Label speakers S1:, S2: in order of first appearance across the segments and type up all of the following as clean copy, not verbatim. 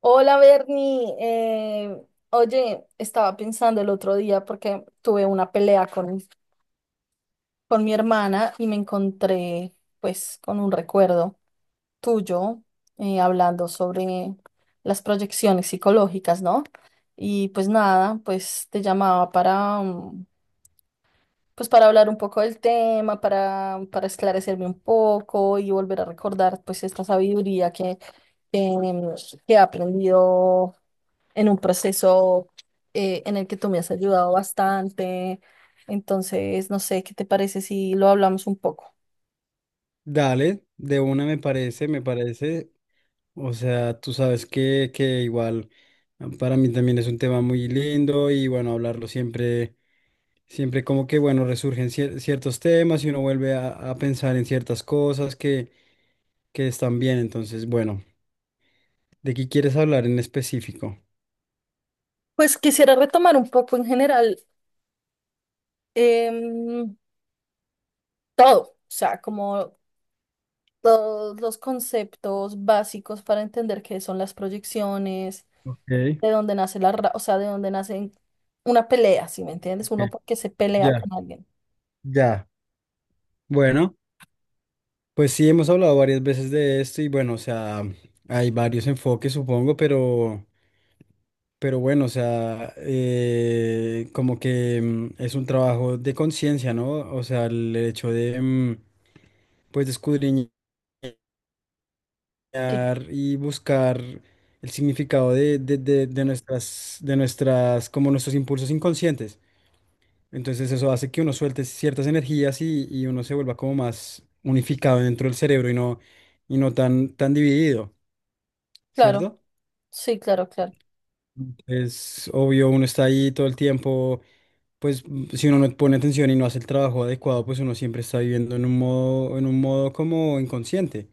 S1: Hola Bernie, oye, estaba pensando el otro día porque tuve una pelea con mi hermana y me encontré pues con un recuerdo tuyo. Eh, hablando sobre las proyecciones psicológicas, ¿no? Y pues nada, pues te llamaba pues para hablar un poco del tema, para esclarecerme un poco y volver a recordar pues esta sabiduría que que he aprendido en un proceso en el que tú me has ayudado bastante. Entonces, no sé, ¿qué te parece si lo hablamos un poco?
S2: Dale, de una me parece, me parece. O sea, tú sabes que igual para mí también es un tema muy lindo y bueno, hablarlo siempre, siempre como que bueno, resurgen ciertos temas y uno vuelve a pensar en ciertas cosas que están bien. Entonces, bueno, ¿de qué quieres hablar en específico?
S1: Pues quisiera retomar un poco en general, em, todo, o sea, como todos los conceptos básicos para entender qué son las proyecciones,
S2: Ok,
S1: de dónde nace o sea, de dónde nace una pelea, ¿si me entiendes?
S2: ok,
S1: Uno porque se pelea
S2: ya,
S1: con alguien.
S2: ya. Bueno, pues sí, hemos hablado varias veces de esto y bueno, o sea, hay varios enfoques, supongo, pero... Pero bueno, o sea, como que es un trabajo de conciencia, ¿no? O sea, el hecho de, pues, de escudriñar
S1: Sí,
S2: y buscar el significado de como nuestros impulsos inconscientes. Entonces eso hace que uno suelte ciertas energías y uno se vuelva como más unificado dentro del cerebro y no tan dividido,
S1: claro,
S2: ¿cierto?
S1: sí, claro, claro.
S2: Es obvio, uno está ahí todo el tiempo pues si uno no pone atención y no hace el trabajo adecuado, pues uno siempre está viviendo en un modo como inconsciente.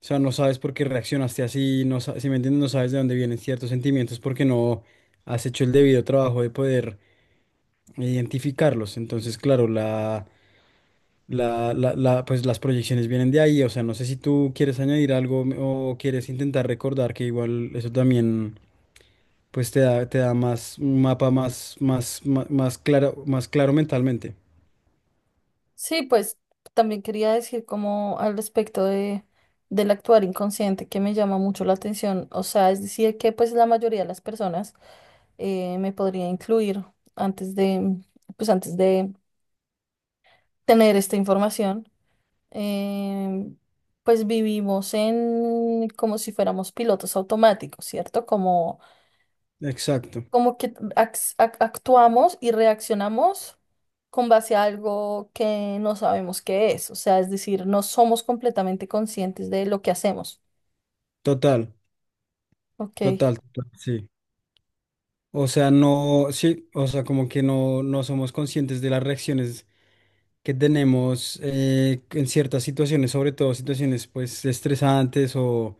S2: O sea, no sabes por qué reaccionaste así, si me entiendes, no sabes de dónde vienen ciertos sentimientos porque no has hecho el debido trabajo de poder identificarlos. Entonces, claro, pues las proyecciones vienen de ahí. O sea, no sé si tú quieres añadir algo o quieres intentar recordar que igual eso también pues te da más un mapa más claro, más claro mentalmente.
S1: Sí, pues también quería decir como al respecto del actuar inconsciente que me llama mucho la atención. O sea, es decir, que pues la mayoría de las personas, me podría incluir antes de, pues antes de tener esta información. em, pues vivimos en como si fuéramos pilotos automáticos, ¿cierto? Como
S2: Exacto.
S1: como que ax- ac- actuamos y reaccionamos con base a algo que no sabemos qué es, o sea, es decir, no somos completamente conscientes de lo que hacemos.
S2: Total,
S1: Ok.
S2: total, sí. O sea, no, sí, o sea, como que no, no somos conscientes de las reacciones que tenemos en ciertas situaciones, sobre todo situaciones pues estresantes o,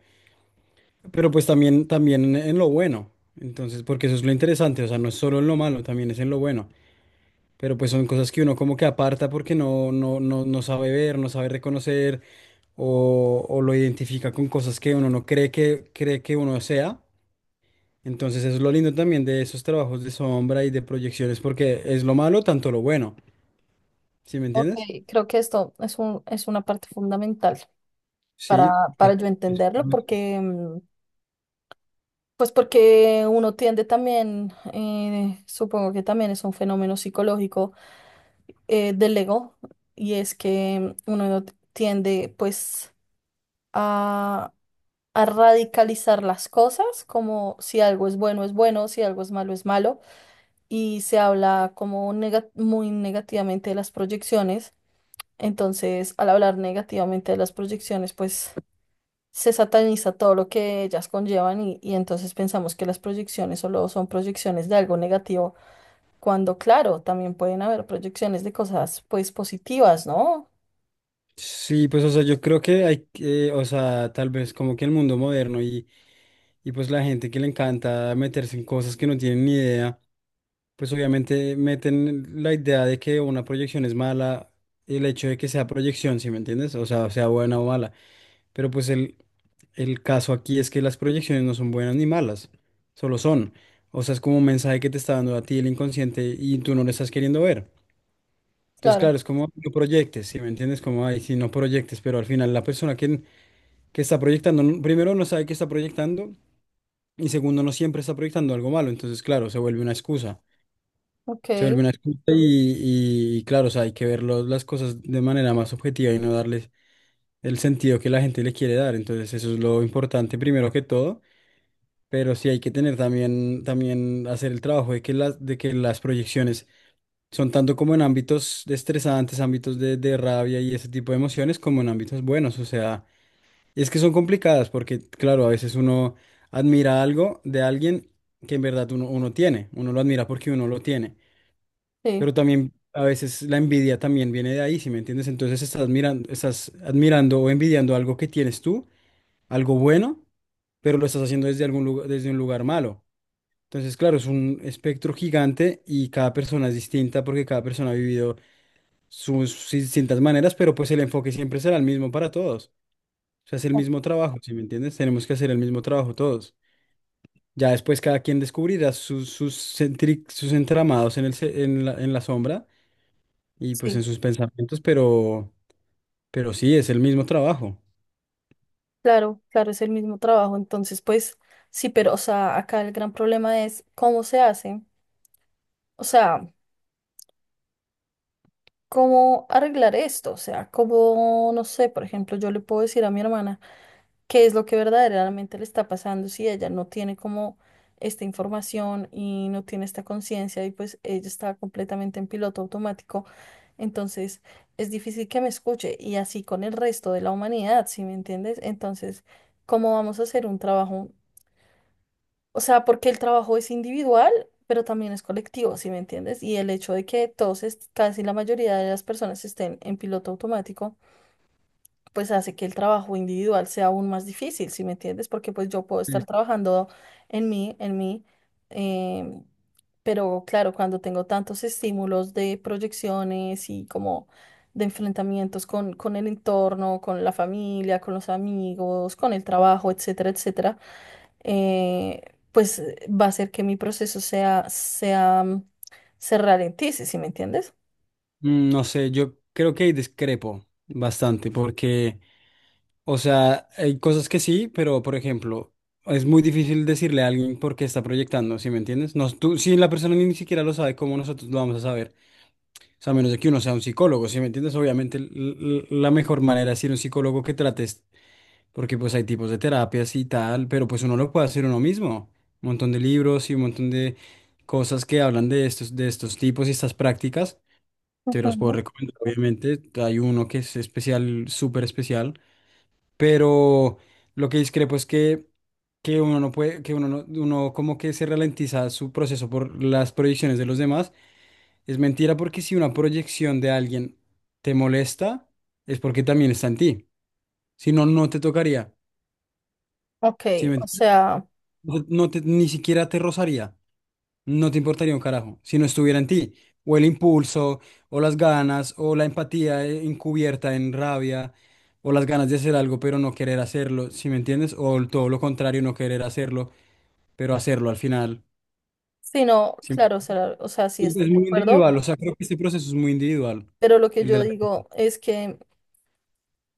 S2: pero pues también, también en lo bueno. Entonces, porque eso es lo interesante, o sea, no es solo en lo malo, también es en lo bueno. Pero pues son cosas que uno como que aparta porque no sabe ver, no sabe reconocer o lo identifica con cosas que uno no cree que, cree que uno sea. Entonces eso es lo lindo también de esos trabajos de sombra y de proyecciones, porque es lo malo tanto lo bueno, ¿sí me
S1: Ok,
S2: entiendes?
S1: creo que esto es es una parte fundamental para,
S2: Sí.
S1: para yo
S2: Es-
S1: entenderlo, porque pues porque uno tiende también, supongo que también es un fenómeno psicológico, del ego, y es que, uno tiende pues a radicalizar las cosas, como si algo es bueno, si algo es malo, y se habla como muy negativamente de las proyecciones. Entonces, al hablar negativamente de las proyecciones, pues se sataniza todo lo que ellas conllevan y entonces pensamos que las proyecciones solo son proyecciones de algo negativo, cuando claro, también pueden haber proyecciones de cosas pues positivas, ¿no?
S2: Sí, pues o sea, yo creo que hay que, o sea, tal vez como que el mundo moderno y pues la gente que le encanta meterse en cosas que no tienen ni idea, pues obviamente meten la idea de que una proyección es mala, el hecho de que sea proyección, ¿sí me entiendes? O sea, sea buena o mala. Pero pues el caso aquí es que las proyecciones no son buenas ni malas, solo son. O sea, es como un mensaje que te está dando a ti el inconsciente y tú no lo estás queriendo ver. Entonces,
S1: Claro,
S2: claro, es como no proyectes, si me entiendes? Como, ay, si no proyectes, pero al final la persona que está proyectando, no- primero no sabe que está proyectando y segundo no siempre está proyectando algo malo. Entonces, claro, se vuelve una excusa.
S1: ok,
S2: Se vuelve una excusa y claro, o sea, hay que ver lo- las cosas de manera más objetiva y no darles el sentido que la gente le quiere dar. Entonces, eso es lo importante primero que todo. Pero sí hay que tener también, también hacer el trabajo de que las proyecciones son tanto como en ámbitos de estresantes, ámbitos de rabia y ese tipo de emociones, como en ámbitos buenos. O sea, es que son complicadas porque, claro, a veces uno admira algo de alguien que en verdad uno tiene. Uno lo admira porque uno lo tiene.
S1: sí,
S2: Pero también a veces la envidia también viene de ahí, si me entiendes? Entonces estás admirando o envidiando algo que tienes tú, algo bueno, pero lo estás haciendo desde algún lugar, desde un lugar malo. Entonces, claro, es un espectro gigante y cada persona es distinta porque cada persona ha vivido sus distintas maneras, pero pues el enfoque siempre será el mismo para todos. O sea, es el mismo trabajo, ¿sí me entiendes? Tenemos que hacer el mismo trabajo todos. Ya después cada quien descubrirá sus entramados en en en la sombra y pues
S1: sí.
S2: en sus pensamientos, pero sí, es el mismo trabajo.
S1: Claro, claro, es el mismo trabajo. Entonces, pues sí, pero, o sea, acá el gran problema es cómo se hace, o sea, cómo arreglar esto, o sea, cómo, no sé, por ejemplo, yo le puedo decir a mi hermana qué es lo que verdaderamente le está pasando si ella no tiene como esta información y no tiene esta conciencia y pues ella está completamente en piloto automático. Entonces, es difícil que me escuche y así con el resto de la humanidad, ¿sí me entiendes? Entonces, ¿cómo vamos a hacer un trabajo? O sea, porque el trabajo es individual, pero también es colectivo, ¿sí me entiendes? Y el hecho de que casi la mayoría de las personas estén en piloto automático pues hace que el trabajo individual sea aún más difícil, ¿sí me entiendes? Porque pues yo puedo
S2: Mm.
S1: estar trabajando en mí, em, pero claro, cuando tengo tantos estímulos de proyecciones y como de enfrentamientos con el entorno, con la familia, con los amigos, con el trabajo, etcétera, etcétera, eh, pues va a hacer que mi proceso sea, se ralentice, ¿sí sí me entiendes?
S2: No sé, yo creo que ahí discrepo bastante porque... O sea, hay cosas que sí, pero por ejemplo, es muy difícil decirle a alguien por qué está proyectando, ¿sí me entiendes? No, tú, si la persona ni siquiera lo sabe, ¿cómo nosotros lo vamos a saber? O sea, a menos de que uno sea un psicólogo, ¿sí me entiendes? Obviamente la mejor manera es ir a un psicólogo que trates, porque pues hay tipos de terapias y tal, pero pues uno lo puede hacer uno mismo. Un montón de libros y un montón de cosas que hablan de estos tipos y estas prácticas. Te los puedo
S1: Ujú.
S2: recomendar, obviamente. Hay uno que es especial, súper especial, pero lo que discrepo es que uno no puede, que uno uno como que se ralentiza su proceso por las proyecciones de los demás. Es mentira porque si una proyección de alguien te molesta, es porque también está en ti. Si no, no te tocaría.
S1: Ok,
S2: Si me
S1: o
S2: entiendes?
S1: sea...
S2: No, no te, ni siquiera te rozaría. No te importaría un carajo si no estuviera en ti. O el impulso, o las ganas, o la empatía encubierta en rabia, o las ganas de hacer algo pero no querer hacerlo, ¿si me entiendes? O el- todo lo contrario, no querer hacerlo, pero hacerlo al final.
S1: Sí, no,
S2: Sí.
S1: claro, o sea, sí estoy
S2: Es
S1: de
S2: muy
S1: acuerdo,
S2: individual, o sea, creo que este proceso es muy individual.
S1: pero lo que
S2: El
S1: yo
S2: de la...
S1: digo es que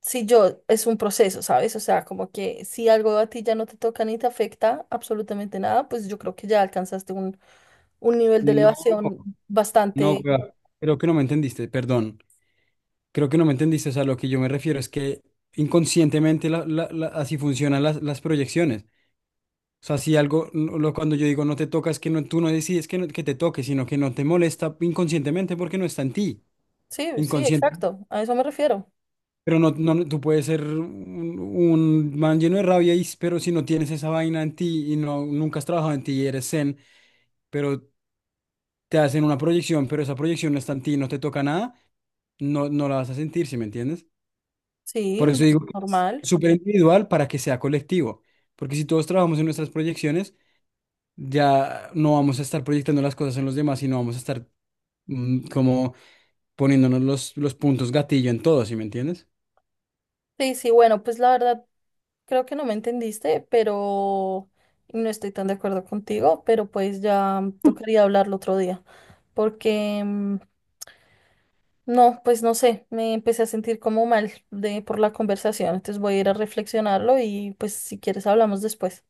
S1: si yo, es un proceso, ¿sabes? O sea, como que si algo a ti ya no te toca ni te afecta absolutamente nada, pues yo creo que ya alcanzaste un nivel de
S2: No,
S1: elevación
S2: no,
S1: bastante,
S2: wea, creo que no me entendiste, perdón. Creo que no me entendiste, o sea, lo que yo me refiero es que inconscientemente así funcionan las proyecciones. O sea, si algo, cuando yo digo no te toca, es que no, tú no decides que, que te toque, sino que no te molesta inconscientemente porque no está en ti,
S1: sí, sí,
S2: inconsciente.
S1: exacto, a eso me refiero.
S2: Pero tú puedes ser un man lleno de rabia, y, pero si no tienes esa vaina en ti y no, nunca has trabajado en ti y eres zen, pero te hacen una proyección, pero esa proyección no está en ti, no te toca nada, no, no la vas a sentir, ¿sí me entiendes?
S1: Sí,
S2: Por eso digo que es
S1: normal.
S2: súper individual para que sea colectivo, porque si todos trabajamos en nuestras proyecciones, ya no vamos a estar proyectando las cosas en los demás y no vamos a estar como poniéndonos los puntos gatillo en todo, ¿sí me entiendes?
S1: Sí, sí, bueno, pues la verdad creo que no me entendiste, pero y no estoy tan de acuerdo contigo, pero pues ya tocaría hablarlo otro día, porque... mm, no, pues no sé, me empecé a sentir como mal de por la conversación, entonces voy a ir a reflexionarlo y pues si quieres hablamos después.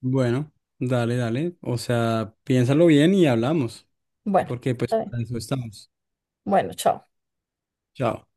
S2: Bueno, dale, dale. O sea, piénsalo bien y hablamos,
S1: Bueno,
S2: porque pues
S1: está bien.
S2: para eso estamos.
S1: Bueno, chao.
S2: Chao.